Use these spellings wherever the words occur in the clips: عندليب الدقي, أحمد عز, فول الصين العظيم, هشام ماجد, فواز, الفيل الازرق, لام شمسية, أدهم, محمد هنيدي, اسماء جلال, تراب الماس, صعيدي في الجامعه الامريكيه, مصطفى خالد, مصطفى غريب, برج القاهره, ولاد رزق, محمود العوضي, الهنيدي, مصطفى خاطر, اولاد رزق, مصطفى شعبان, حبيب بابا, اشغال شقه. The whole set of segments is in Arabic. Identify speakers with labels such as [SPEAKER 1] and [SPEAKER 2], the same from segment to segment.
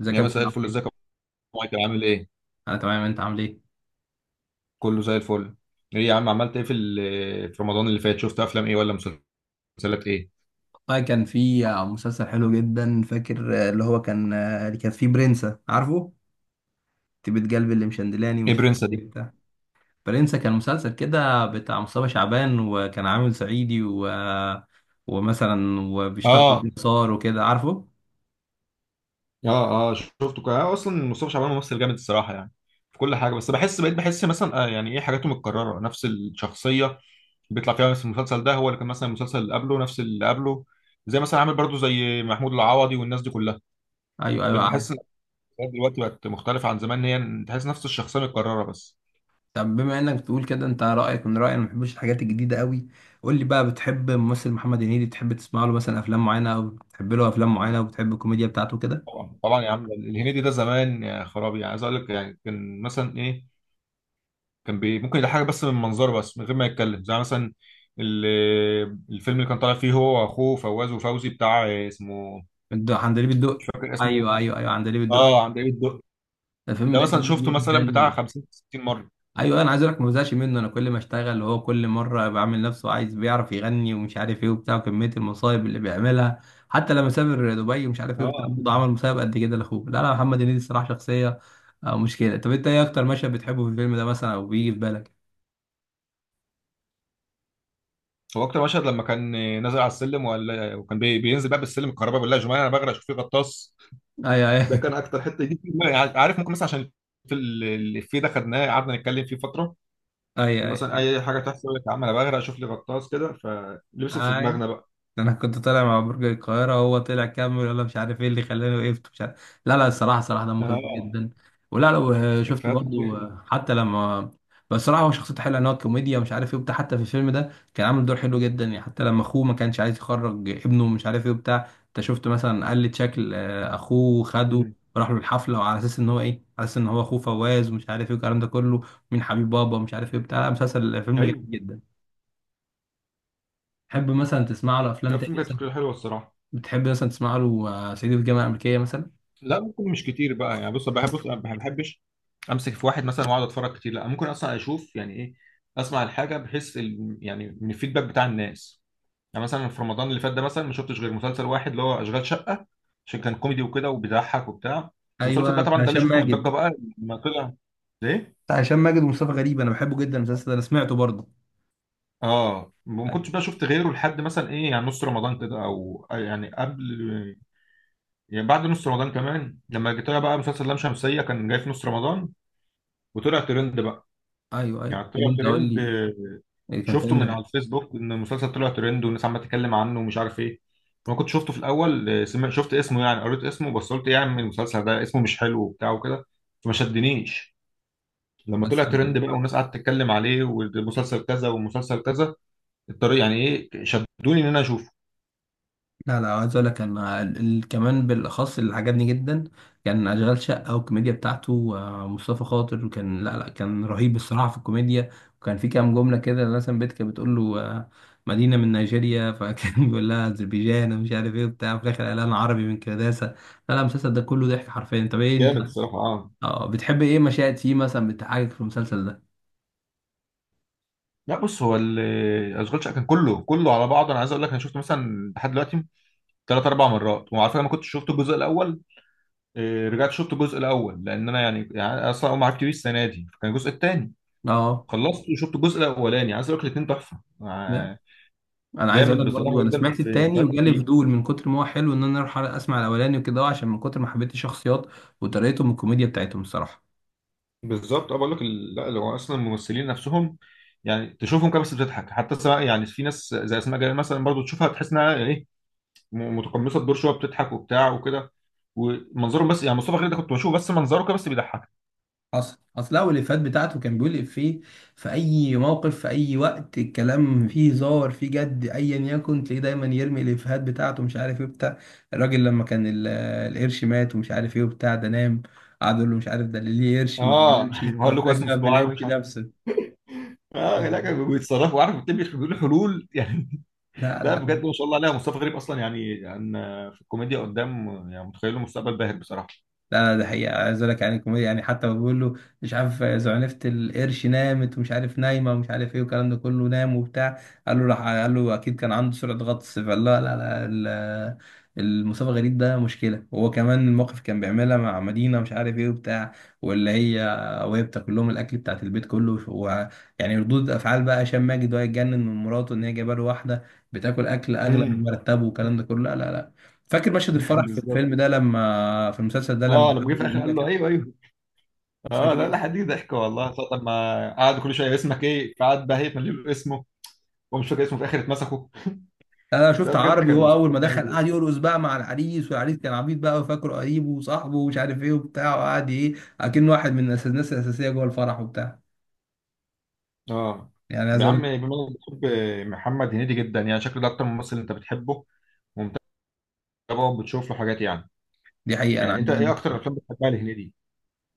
[SPEAKER 1] ازيك
[SPEAKER 2] يا
[SPEAKER 1] يا ابو
[SPEAKER 2] مساء
[SPEAKER 1] عامل
[SPEAKER 2] الفل، ازيك يا
[SPEAKER 1] ايه؟
[SPEAKER 2] أبو مايكل؟ عامل ايه؟
[SPEAKER 1] انا تمام انت عامل ايه؟
[SPEAKER 2] كله زي الفل. ايه يا عم، عملت ايه في في رمضان اللي فات؟ شفت افلام ايه ولا مسلسلات ايه؟
[SPEAKER 1] والله كان في مسلسل حلو جدا. فاكر اللي كان فيه برنسا عارفه؟ طيبة قلبي اللي مشندلاني
[SPEAKER 2] ايه
[SPEAKER 1] ومش عارف
[SPEAKER 2] برنسة دي؟
[SPEAKER 1] ايه بتاع. برنسا كان مسلسل كده بتاع مصطفى شعبان، وكان عامل صعيدي و... ومثلا وبيشتغل
[SPEAKER 2] اه،
[SPEAKER 1] في صار وكده عارفه؟
[SPEAKER 2] اه، اه، شفته كده. اصلا مصطفى شعبان ممثل جامد الصراحة. يعني في كل حاجة، بس بحس مثلا يعني ايه، حاجاته متكررة، نفس الشخصية اللي بيطلع فيها، نفس المسلسل ده هو اللي كان. مثلا المسلسل اللي قبله نفس اللي قبله، زي مثلا عامل برضو زي محمود العوضي والناس دي كلها.
[SPEAKER 1] ايوه ايوه
[SPEAKER 2] بقيت بحس ان
[SPEAKER 1] عارف.
[SPEAKER 2] الشخصيات دلوقتي بقت مختلفة عن زمان، إن هي تحس نفس الشخصية متكررة بس.
[SPEAKER 1] طب بما انك بتقول كده انت رايك من رايي، انا ما بحبش الحاجات الجديده قوي. قول لي بقى، بتحب ممثل محمد هنيدي؟ بتحب تسمع له مثلا افلام معينه او بتحب له افلام معينه، وبتحب الكوميديا بتاعته كده؟
[SPEAKER 2] طبعا طبعا يا عم، الهنيدي ده زمان يا خرابي. يعني عايز اقول لك، يعني كان مثلا ايه، كان ممكن يضحك بس من منظره، بس من غير ما يتكلم، زي مثلا ال- الفيلم اللي كان طالع فيه هو واخوه فواز وفوزي بتاع اسمه.
[SPEAKER 1] عندليب
[SPEAKER 2] مش
[SPEAKER 1] الدقي.
[SPEAKER 2] فاكر
[SPEAKER 1] ايوه
[SPEAKER 2] اسمه.
[SPEAKER 1] ايوه ايوه، عندليب الدقي.
[SPEAKER 2] اه، عند ايه الدق.
[SPEAKER 1] الفيلم
[SPEAKER 2] ده
[SPEAKER 1] ده
[SPEAKER 2] مثلا
[SPEAKER 1] جميل
[SPEAKER 2] شفته مثلا بتاع
[SPEAKER 1] جدا.
[SPEAKER 2] 50 60 مره.
[SPEAKER 1] ايوه، انا عايز اقول لك ما بزهقش منه. انا كل ما اشتغل وهو كل مره بعمل نفسه عايز، بيعرف يغني ومش عارف ايه وبتاع، وكميه المصايب اللي بيعملها. حتى لما سافر دبي ومش عارف ايه وبتاع
[SPEAKER 2] اه،
[SPEAKER 1] برضه عمل مصايب قد كده لاخوه. لا لا، محمد هنيدي الصراحه شخصيه. مشكله. طب انت ايه اكتر مشهد بتحبه في الفيلم ده مثلا، او بيجي في بالك؟
[SPEAKER 2] هو اكتر مشهد لما كان نازل على السلم، وكان بينزل بقى بالسلم الكهرباء، بالله يا جماعه انا بغرق، اشوف فيه غطاس.
[SPEAKER 1] ايوه ايوه
[SPEAKER 2] ده كان اكتر حته دي في دماغي. عارف، ممكن مثلا عشان في الافيه ده، خدناه قعدنا نتكلم فيه فتره. كان
[SPEAKER 1] ايوه
[SPEAKER 2] مثلا اي حاجه تحصل يقول لك يا عم انا بغرق شوف لي غطاس كده، فلبس في
[SPEAKER 1] ايوه.
[SPEAKER 2] دماغنا بقى.
[SPEAKER 1] انا كنت طالع مع برج القاهره، هو طلع كمل ولا مش عارف ايه اللي خلاني وقفت مش عارف. لا لا، الصراحه صراحه دمه خفيف
[SPEAKER 2] اه،
[SPEAKER 1] جدا. ولا لو شفت
[SPEAKER 2] افيهاته كتير
[SPEAKER 1] برضو،
[SPEAKER 2] حلوه.
[SPEAKER 1] حتى لما بس الصراحه هو شخصيته حلوه. ان هو كوميديا ومش عارف ايه وبتاع، حتى في الفيلم ده كان عامل دور حلو جدا يعني. حتى لما اخوه ما كانش عايز يخرج ابنه مش عارف ايه وبتاع، انت شفت مثلا قلد شكل، اخوه خده.
[SPEAKER 2] أمم.
[SPEAKER 1] راح له الحفله وعلى اساس ان هو ايه، على اساس ان هو اخوه فواز ومش عارف ايه والكلام ده كله، مين حبيب بابا ومش عارف ايه بتاع. لا مسلسل فيلم جميل
[SPEAKER 2] ايوه.
[SPEAKER 1] جدا. تحب مثلا تسمع له
[SPEAKER 2] لا،
[SPEAKER 1] افلام
[SPEAKER 2] الفيلم
[SPEAKER 1] تانية؟
[SPEAKER 2] كانت فكرته حلوه الصراحه.
[SPEAKER 1] بتحب مثلا تسمع له صعيدي في الجامعه الامريكيه مثلا؟
[SPEAKER 2] لا، ممكن مش كتير بقى يعني. بص أنا ما بحبش امسك في واحد مثلا واقعد اتفرج كتير. لا، ممكن اصلا اشوف يعني ايه، اسمع الحاجه بحيث يعني من الفيدباك بتاع الناس. يعني مثلا في رمضان اللي فات ده مثلا ما شفتش غير مسلسل واحد اللي هو اشغال شقه، عشان كان كوميدي وكده وبيضحك وبتاع. ومسلسل
[SPEAKER 1] ايوه
[SPEAKER 2] بقى طبعا
[SPEAKER 1] بتاع
[SPEAKER 2] ده اللي
[SPEAKER 1] هشام
[SPEAKER 2] شفته
[SPEAKER 1] ماجد.
[SPEAKER 2] متضجه بقى لما طلع، ليه؟
[SPEAKER 1] بتاع هشام ماجد ومصطفى غريب، انا بحبه جدا المسلسل ده، انا سمعته برضه.
[SPEAKER 2] اه، ما كنتش
[SPEAKER 1] ايوه
[SPEAKER 2] بقى شفت غيره لحد مثلا ايه، يعني نص رمضان كده، او يعني قبل، يعني بعد نص رمضان كمان لما جيت. طلع بقى مسلسل لام شمسية، كان جاي في نص رمضان وطلع ترند بقى.
[SPEAKER 1] ايوه ايوه.
[SPEAKER 2] يعني
[SPEAKER 1] طب
[SPEAKER 2] طلع
[SPEAKER 1] انت قول
[SPEAKER 2] ترند.
[SPEAKER 1] لي، إيه كان
[SPEAKER 2] شفته
[SPEAKER 1] تاني
[SPEAKER 2] من على
[SPEAKER 1] ده؟
[SPEAKER 2] الفيسبوك ان المسلسل طلع ترند والناس عماله تتكلم عنه ومش عارف ايه. ما كنت شفته في الاول، شفت اسمه، يعني قريت اسمه بس قلت إيه يا عم، المسلسل ده اسمه مش حلو وبتاع وكده، فما شدنيش. لما
[SPEAKER 1] بس
[SPEAKER 2] طلع ترند بقى والناس قعدت تتكلم عليه والمسلسل كذا والمسلسل كذا الطريق، يعني ايه، شدوني ان انا اشوفه.
[SPEAKER 1] لا لا، عايز اقول لك انا كمان بالاخص اللي عجبني جدا كان اشغال شقه، والكوميديا بتاعته، مصطفى خاطر. وكان لا لا كان رهيب الصراحه في الكوميديا. وكان في كام جمله كده مثلا، بيت كانت بتقول له، مدينه من نيجيريا، فكان بيقول لها اذربيجان ومش عارف ايه وبتاع، في الاخر قال انا عربي من كرداسه. لا لا، المسلسل ده كله ضحك حرفيا. طب ايه انت،
[SPEAKER 2] جامد الصراحه. اه،
[SPEAKER 1] اه، بتحب ايه مشاهد فيه مثلا بتضحكك في المسلسل ده؟
[SPEAKER 2] لا، بص، هو اشغال شقه كان كله كله على بعضه. انا عايز اقول لك، انا شفته مثلا لحد دلوقتي ثلاث اربع مرات، وعلى فكره ما كنتش شفت الجزء الاول. رجعت شفت الجزء الاول لان انا يعني أنا اصلا اول ما عرفت بيه السنه دي فكان الجزء الثاني
[SPEAKER 1] اه،
[SPEAKER 2] خلصت، وشفت الجزء الاولاني. عايز اقول لك، الاثنين تحفه.
[SPEAKER 1] انا عايز اقول
[SPEAKER 2] جامد
[SPEAKER 1] لك برضو
[SPEAKER 2] بصراحه
[SPEAKER 1] انا
[SPEAKER 2] جدا،
[SPEAKER 1] سمعت
[SPEAKER 2] في
[SPEAKER 1] التاني
[SPEAKER 2] افيهات
[SPEAKER 1] وجالي
[SPEAKER 2] كتير.
[SPEAKER 1] فضول من كتر ما هو حلو، ان انا اروح اسمع الاولاني وكده، عشان من كتر ما حبيت الشخصيات وطريقتهم والكوميديا بتاعتهم الصراحه.
[SPEAKER 2] بالظبط. اه، بقول لك لا، لو اصلا الممثلين نفسهم يعني تشوفهم كده بس بتضحك، حتى سواء يعني في ناس زي اسماء جلال مثلا برضو تشوفها تحس انها ايه، متقمصه الدور شويه، بتضحك وبتاع وكده. ومنظرهم بس، يعني مصطفى خالد ده كنت بشوفه بس منظره كده بس بيضحك.
[SPEAKER 1] اصل هو الافيهات بتاعته كان بيقول افيه في اي موقف، في اي وقت، الكلام فيه هزار فيه جد، ايا يكن تلاقيه دايما يرمي الافيهات بتاعته مش عارف ايه بتاع. الراجل لما كان القرش مات ومش عارف ايه وبتاع ده نام، قعد يقول له مش عارف ده اللي ليه قرش ما
[SPEAKER 2] اه.
[SPEAKER 1] بيمشي،
[SPEAKER 2] يعني
[SPEAKER 1] ما
[SPEAKER 2] بقول لكم
[SPEAKER 1] بالك
[SPEAKER 2] اسمه
[SPEAKER 1] بقى في
[SPEAKER 2] صداع
[SPEAKER 1] القرش
[SPEAKER 2] ومش عارف.
[SPEAKER 1] نفسه.
[SPEAKER 2] اه، لا، كانوا بيتصرفوا، عارف، بتبقى بيقولوا حلول يعني.
[SPEAKER 1] لا
[SPEAKER 2] لا،
[SPEAKER 1] لا
[SPEAKER 2] بجد، ما شاء الله عليها، مصطفى غريب اصلا يعني في الكوميديا قدام، يعني متخيله مستقبل باهر بصراحه.
[SPEAKER 1] لا، ده حقيقة. عايز اقول لك يعني الكوميديا، يعني حتى بقول له مش عارف زعنفة القرش نامت ومش عارف نايمة ومش عارف ايه والكلام ده كله نام وبتاع، قال له راح قال له اكيد كان عنده سرعة غطس. فقال لا لا لا، المصطفى غريب ده مشكلة. وهو كمان الموقف كان بيعملها مع مدينة مش عارف ايه وبتاع، واللي هي وهي بتاكل لهم الاكل بتاعت البيت كله، ويعني ردود افعال بقى هشام ماجد وهو يتجنن من مراته ان هي جايبه له واحده بتاكل اكل اغلى من
[SPEAKER 2] امم.
[SPEAKER 1] مرتبه والكلام ده كله. لا لا لا. فاكر مشهد الفرح في
[SPEAKER 2] بالظبط.
[SPEAKER 1] الفيلم ده لما في المسلسل ده لما
[SPEAKER 2] اه، لما جه
[SPEAKER 1] خدوا
[SPEAKER 2] في الاخر
[SPEAKER 1] مدينه
[SPEAKER 2] قال له
[SPEAKER 1] كده؟
[SPEAKER 2] ايوه، ايوه. اه،
[SPEAKER 1] فاكر
[SPEAKER 2] لا،
[SPEAKER 1] ايه؟
[SPEAKER 2] لا حد ضحك والله، طب ما قعد كل شويه اسمك ايه، فقعد بقى هيتملي له اسمه ومش فاكر اسمه، في الاخر اتمسكوا.
[SPEAKER 1] انا
[SPEAKER 2] لا،
[SPEAKER 1] شفت
[SPEAKER 2] بجد،
[SPEAKER 1] عربي
[SPEAKER 2] كان
[SPEAKER 1] هو اول ما
[SPEAKER 2] مسلسل
[SPEAKER 1] دخل
[SPEAKER 2] جامد
[SPEAKER 1] قعد
[SPEAKER 2] يعني.
[SPEAKER 1] يرقص بقى مع العريس، والعريس كان عبيط بقى وفاكره قريبه وصاحبه ومش عارف ايه وبتاع، وقعد ايه اكنه واحد من الناس، الاساسيه جوه الفرح وبتاع.
[SPEAKER 2] اه،
[SPEAKER 1] يعني عايز
[SPEAKER 2] يا
[SPEAKER 1] اقول
[SPEAKER 2] عم، بما
[SPEAKER 1] لك،
[SPEAKER 2] انك بتحب محمد هنيدي جدا، يعني شكله ده اكتر ممثل انت بتحبه ومتابعه وبتشوف له حاجات، يعني
[SPEAKER 1] دي حقيقه انا عايز
[SPEAKER 2] انت ايه
[SPEAKER 1] أقول
[SPEAKER 2] اكتر
[SPEAKER 1] لك.
[SPEAKER 2] افلام بتحبها لهنيدي؟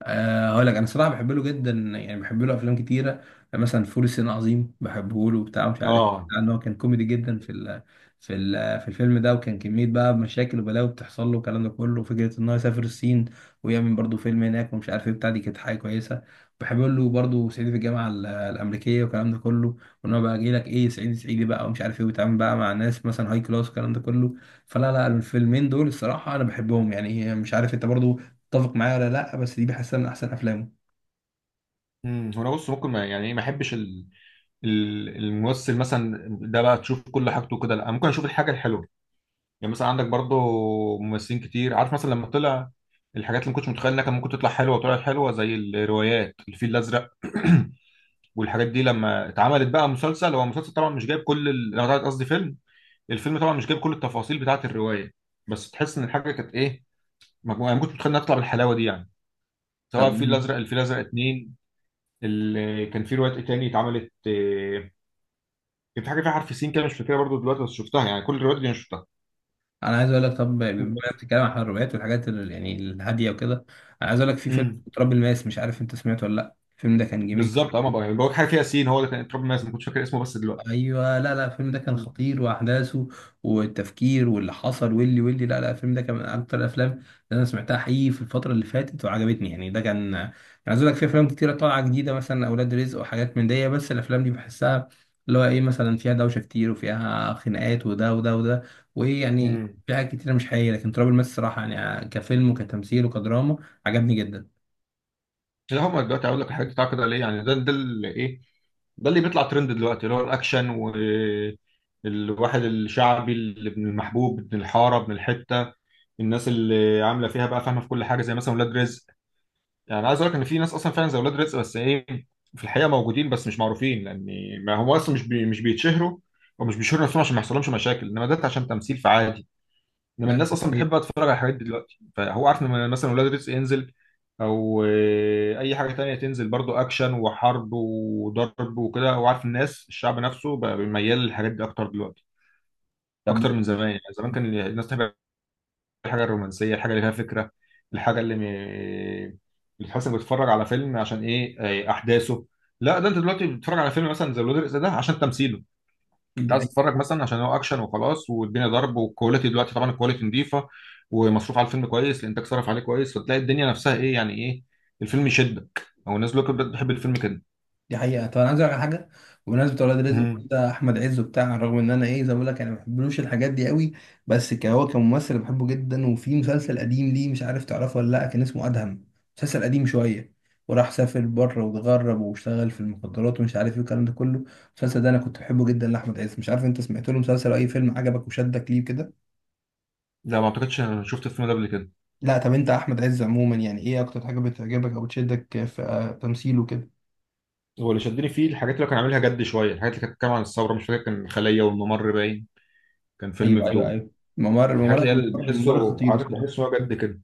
[SPEAKER 1] هقول لك انا صراحه بحب له جدا يعني، بحب له افلام كتيره. يعني مثلا فول الصين العظيم بحبه له وبتاع، مش عارف
[SPEAKER 2] اه،
[SPEAKER 1] بتاع، ان هو كان كوميدي جدا في ال في ال في الفيلم ده، وكان كميه بقى مشاكل وبلاوي بتحصل له والكلام ده كله، وفكره ان هو يسافر الصين ويعمل برضه فيلم هناك ومش عارف ايه بتاع. دي كانت حاجه كويسه. بحب له برضه صعيدي في الجامعه الامريكيه والكلام ده كله، وان هو بقى جاي لك ايه صعيدي صعيدي بقى ومش عارف ايه، وبيتعامل بقى مع ناس مثلا هاي كلاس والكلام ده كله. فلا لا، الفيلمين دول الصراحه انا بحبهم يعني. مش عارف انت برضه اتفق معايا ولا لا، بس دي بحسها من احسن افلامه.
[SPEAKER 2] امم، هنا بص، ممكن ما يعني ايه، ما احبش الممثل مثلا ده بقى تشوف كل حاجته كده. لا، ممكن اشوف الحاجه الحلوه. يعني مثلا عندك برضو ممثلين كتير، عارف، مثلا لما طلع الحاجات اللي ما كنتش متخيل انها كان ممكن تطلع حلوه وطلعت حلوه، زي الروايات الفيل الازرق والحاجات دي، لما اتعملت بقى مسلسل، هو مسلسل طبعا مش جايب كل أنا قصدي فيلم. الفيلم طبعا مش جايب كل التفاصيل بتاعه الروايه، بس تحس ان الحاجه كانت ايه، مجموعه يعني، ما كنتش متخيل انها تطلع بالحلاوه دي يعني، سواء
[SPEAKER 1] طب
[SPEAKER 2] الفيل الازرق، الفيل الازرق اتنين. كان في روايات ايه تاني اتعملت، كان في حاجه فيها حرف سين كده مش فاكرها برضو دلوقتي بس شفتها، يعني كل الروايات دي انا شفتها.
[SPEAKER 1] انا عايز اقول لك، طب بما إنك بتتكلم عن الروايات والحاجات يعني الهاديه وكده، انا عايز اقول لك في فيلم
[SPEAKER 2] امم.
[SPEAKER 1] اسمه تراب الماس، مش عارف انت سمعته ولا لا. الفيلم ده كان جميل.
[SPEAKER 2] بالظبط. اه، ما بقى- بقولك حاجه فيها سين، هو اللي كان اتربى الناس ما كنتش فاكر اسمه بس دلوقتي.
[SPEAKER 1] ايوه. لا لا، الفيلم ده كان
[SPEAKER 2] مم.
[SPEAKER 1] خطير، واحداثه والتفكير واللي حصل واللي لا لا الفيلم ده كان من اكتر الافلام اللي انا سمعتها حقيقي في الفتره اللي فاتت وعجبتني، يعني ده كان يعني عايز اقول لك في افلام كتيره طالعه جديده مثلا اولاد رزق وحاجات من دي، بس الافلام دي بحسها اللي هو ايه مثلا فيها دوشه كتير وفيها خناقات وده وده وده، وايه يعني
[SPEAKER 2] مم.
[SPEAKER 1] في حاجات كتيره مش حقيقيه، لكن تراب الماس الصراحه يعني كفيلم وكتمثيل وكدراما عجبني جدا.
[SPEAKER 2] لا، هم دلوقتي، اقول لك، الحاجات بتاع كده ليه يعني، ده اللي ايه، ده اللي بيطلع ترند دلوقتي، اللي هو الاكشن والواحد الشعبي، اللي ابن المحبوب، ابن الحاره، ابن الحته، الناس اللي عامله فيها بقى فاهمه في كل حاجه زي مثلا ولاد رزق. يعني أنا عايز اقول لك ان في ناس اصلا فعلا زي ولاد رزق، بس ايه، في الحقيقه موجودين بس مش معروفين، لان ما هم اصلا مش بيتشهروا ومش بيشهروا نفسهم عشان ما يحصلهمش مشاكل. انما ده عشان تمثيل فعادي. انما
[SPEAKER 1] لا دي
[SPEAKER 2] الناس اصلا
[SPEAKER 1] حقيقة.
[SPEAKER 2] بتحب بقى تتفرج على الحاجات دي دلوقتي، فهو عارف ان مثلا ولاد رزق ينزل او اي حاجه تانية تنزل برضو اكشن وحرب وضرب وكده، هو عارف الناس، الشعب نفسه بقى ميال للحاجات دي اكتر دلوقتي،
[SPEAKER 1] طب
[SPEAKER 2] اكتر من زمان. يعني زمان كان الناس تحب الحاجه الرومانسيه، الحاجه اللي فيها فكره، الحاجه اللي اللي تحس انك بتتفرج على فيلم عشان ايه، احداثه. لا، ده انت دلوقتي بتتفرج على فيلم مثلا زي ولاد الرزق ده عشان تمثيله، انت
[SPEAKER 1] دي
[SPEAKER 2] عايز
[SPEAKER 1] حقيقة.
[SPEAKER 2] تتفرج مثلا عشان هو اكشن وخلاص والدنيا ضرب. والكواليتي دلوقتي طبعا الكواليتي نظيفه ومصروف على الفيلم كويس، الانتاج صرف عليه كويس، فتلاقي الدنيا نفسها ايه، يعني ايه، الفيلم يشدك، او الناس دلوقتي بتحب الفيلم كده.
[SPEAKER 1] دي حقيقة. طب أنا عايز أقول لك على حاجة. بمناسبة ولاد رزق
[SPEAKER 2] امم.
[SPEAKER 1] ده أحمد عز وبتاع، رغم إن أنا إيه زي ما بقول لك أنا ما بحبلوش الحاجات دي قوي، بس هو كممثل بحبه جدا. وفي مسلسل قديم ليه مش عارف تعرفه ولا لأ، كان اسمه أدهم، مسلسل قديم شوية، وراح سافر بره واتغرب واشتغل في المخدرات ومش عارف إيه والكلام ده كله. المسلسل ده أنا كنت بحبه جدا لأحمد عز. مش عارف أنت سمعت له مسلسل أو أي فيلم عجبك وشدك ليه كده؟
[SPEAKER 2] لا، ما اعتقدش انا شفت الفيلم ده قبل كده.
[SPEAKER 1] لا طب أنت أحمد عز عموما يعني إيه أكتر حاجة بتعجبك أو بتشدك في تمثيله كده؟
[SPEAKER 2] هو اللي شدني فيه الحاجات اللي كان عاملها جد شويه، الحاجات اللي كانت بتتكلم عن الثوره، مش فاكر، كان الخليه والممر باين. كان فيلم
[SPEAKER 1] أيوه
[SPEAKER 2] في
[SPEAKER 1] أيوه
[SPEAKER 2] دور،
[SPEAKER 1] أيوه، ممر
[SPEAKER 2] الحاجات
[SPEAKER 1] ممر
[SPEAKER 2] اللي هي اللي
[SPEAKER 1] ممر ممر
[SPEAKER 2] بحسه،
[SPEAKER 1] خطير
[SPEAKER 2] عارف،
[SPEAKER 1] الصراحة.
[SPEAKER 2] بحسه هو جد كده.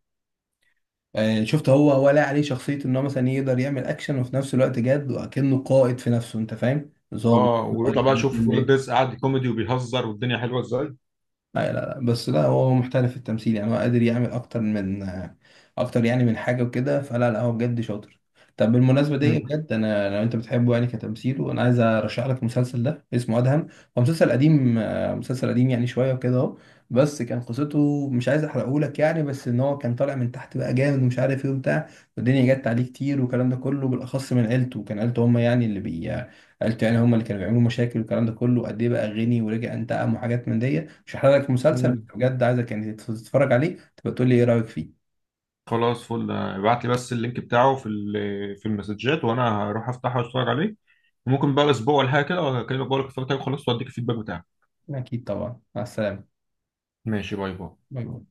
[SPEAKER 1] شفت هو ولا عليه شخصية ان هو مثلا يقدر يعمل اكشن وفي نفس الوقت جد، وكأنه قائد في نفسه انت فاهم، ظابط،
[SPEAKER 2] اه، ويطلع
[SPEAKER 1] قائد،
[SPEAKER 2] بقى،
[SPEAKER 1] حاجات من
[SPEAKER 2] شوف ولاد
[SPEAKER 1] دي.
[SPEAKER 2] رزق قاعد كوميدي وبيهزر والدنيا حلوه ازاي.
[SPEAKER 1] لا لا لا، بس لا هو هو محترف في التمثيل يعني، هو قادر يعمل اكتر من اكتر يعني من حاجه وكده. فلا لا، هو بجد شاطر. طب بالمناسبه دي
[SPEAKER 2] مم.
[SPEAKER 1] بجد، انا لو انت بتحبه يعني كتمثيل، وانا عايز ارشح لك المسلسل ده اسمه ادهم. هو مسلسل قديم، مسلسل قديم يعني شويه وكده اهو. بس كان قصته، مش عايز احرقه لك يعني، بس ان هو كان طالع من تحت بقى جامد ومش عارف ايه وبتاع، والدنيا جت عليه كتير والكلام ده كله بالاخص من عيلته، كان عيلته هم يعني اللي بي قلت يعني هم اللي كانوا بيعملوا مشاكل والكلام ده كله، قد ايه بقى غني ورجع انتقم وحاجات من دي. مش هحرق لك المسلسل، بس
[SPEAKER 2] مم.
[SPEAKER 1] بجد عايزك يعني تتفرج عليه تبقى تقول لي ايه رايك فيه.
[SPEAKER 2] خلاص، فل، ابعت لي بس اللينك بتاعه في في المسجات، وانا هروح افتحه واتفرج عليه، وممكن بقى اسبوع ولا حاجه كده اكلمك بقول لك اتفرجت عليه خلاص واديك الفيدباك بتاعه.
[SPEAKER 1] اكيد طبعا، مع السلامه.
[SPEAKER 2] ماشي، باي باي
[SPEAKER 1] باي باي.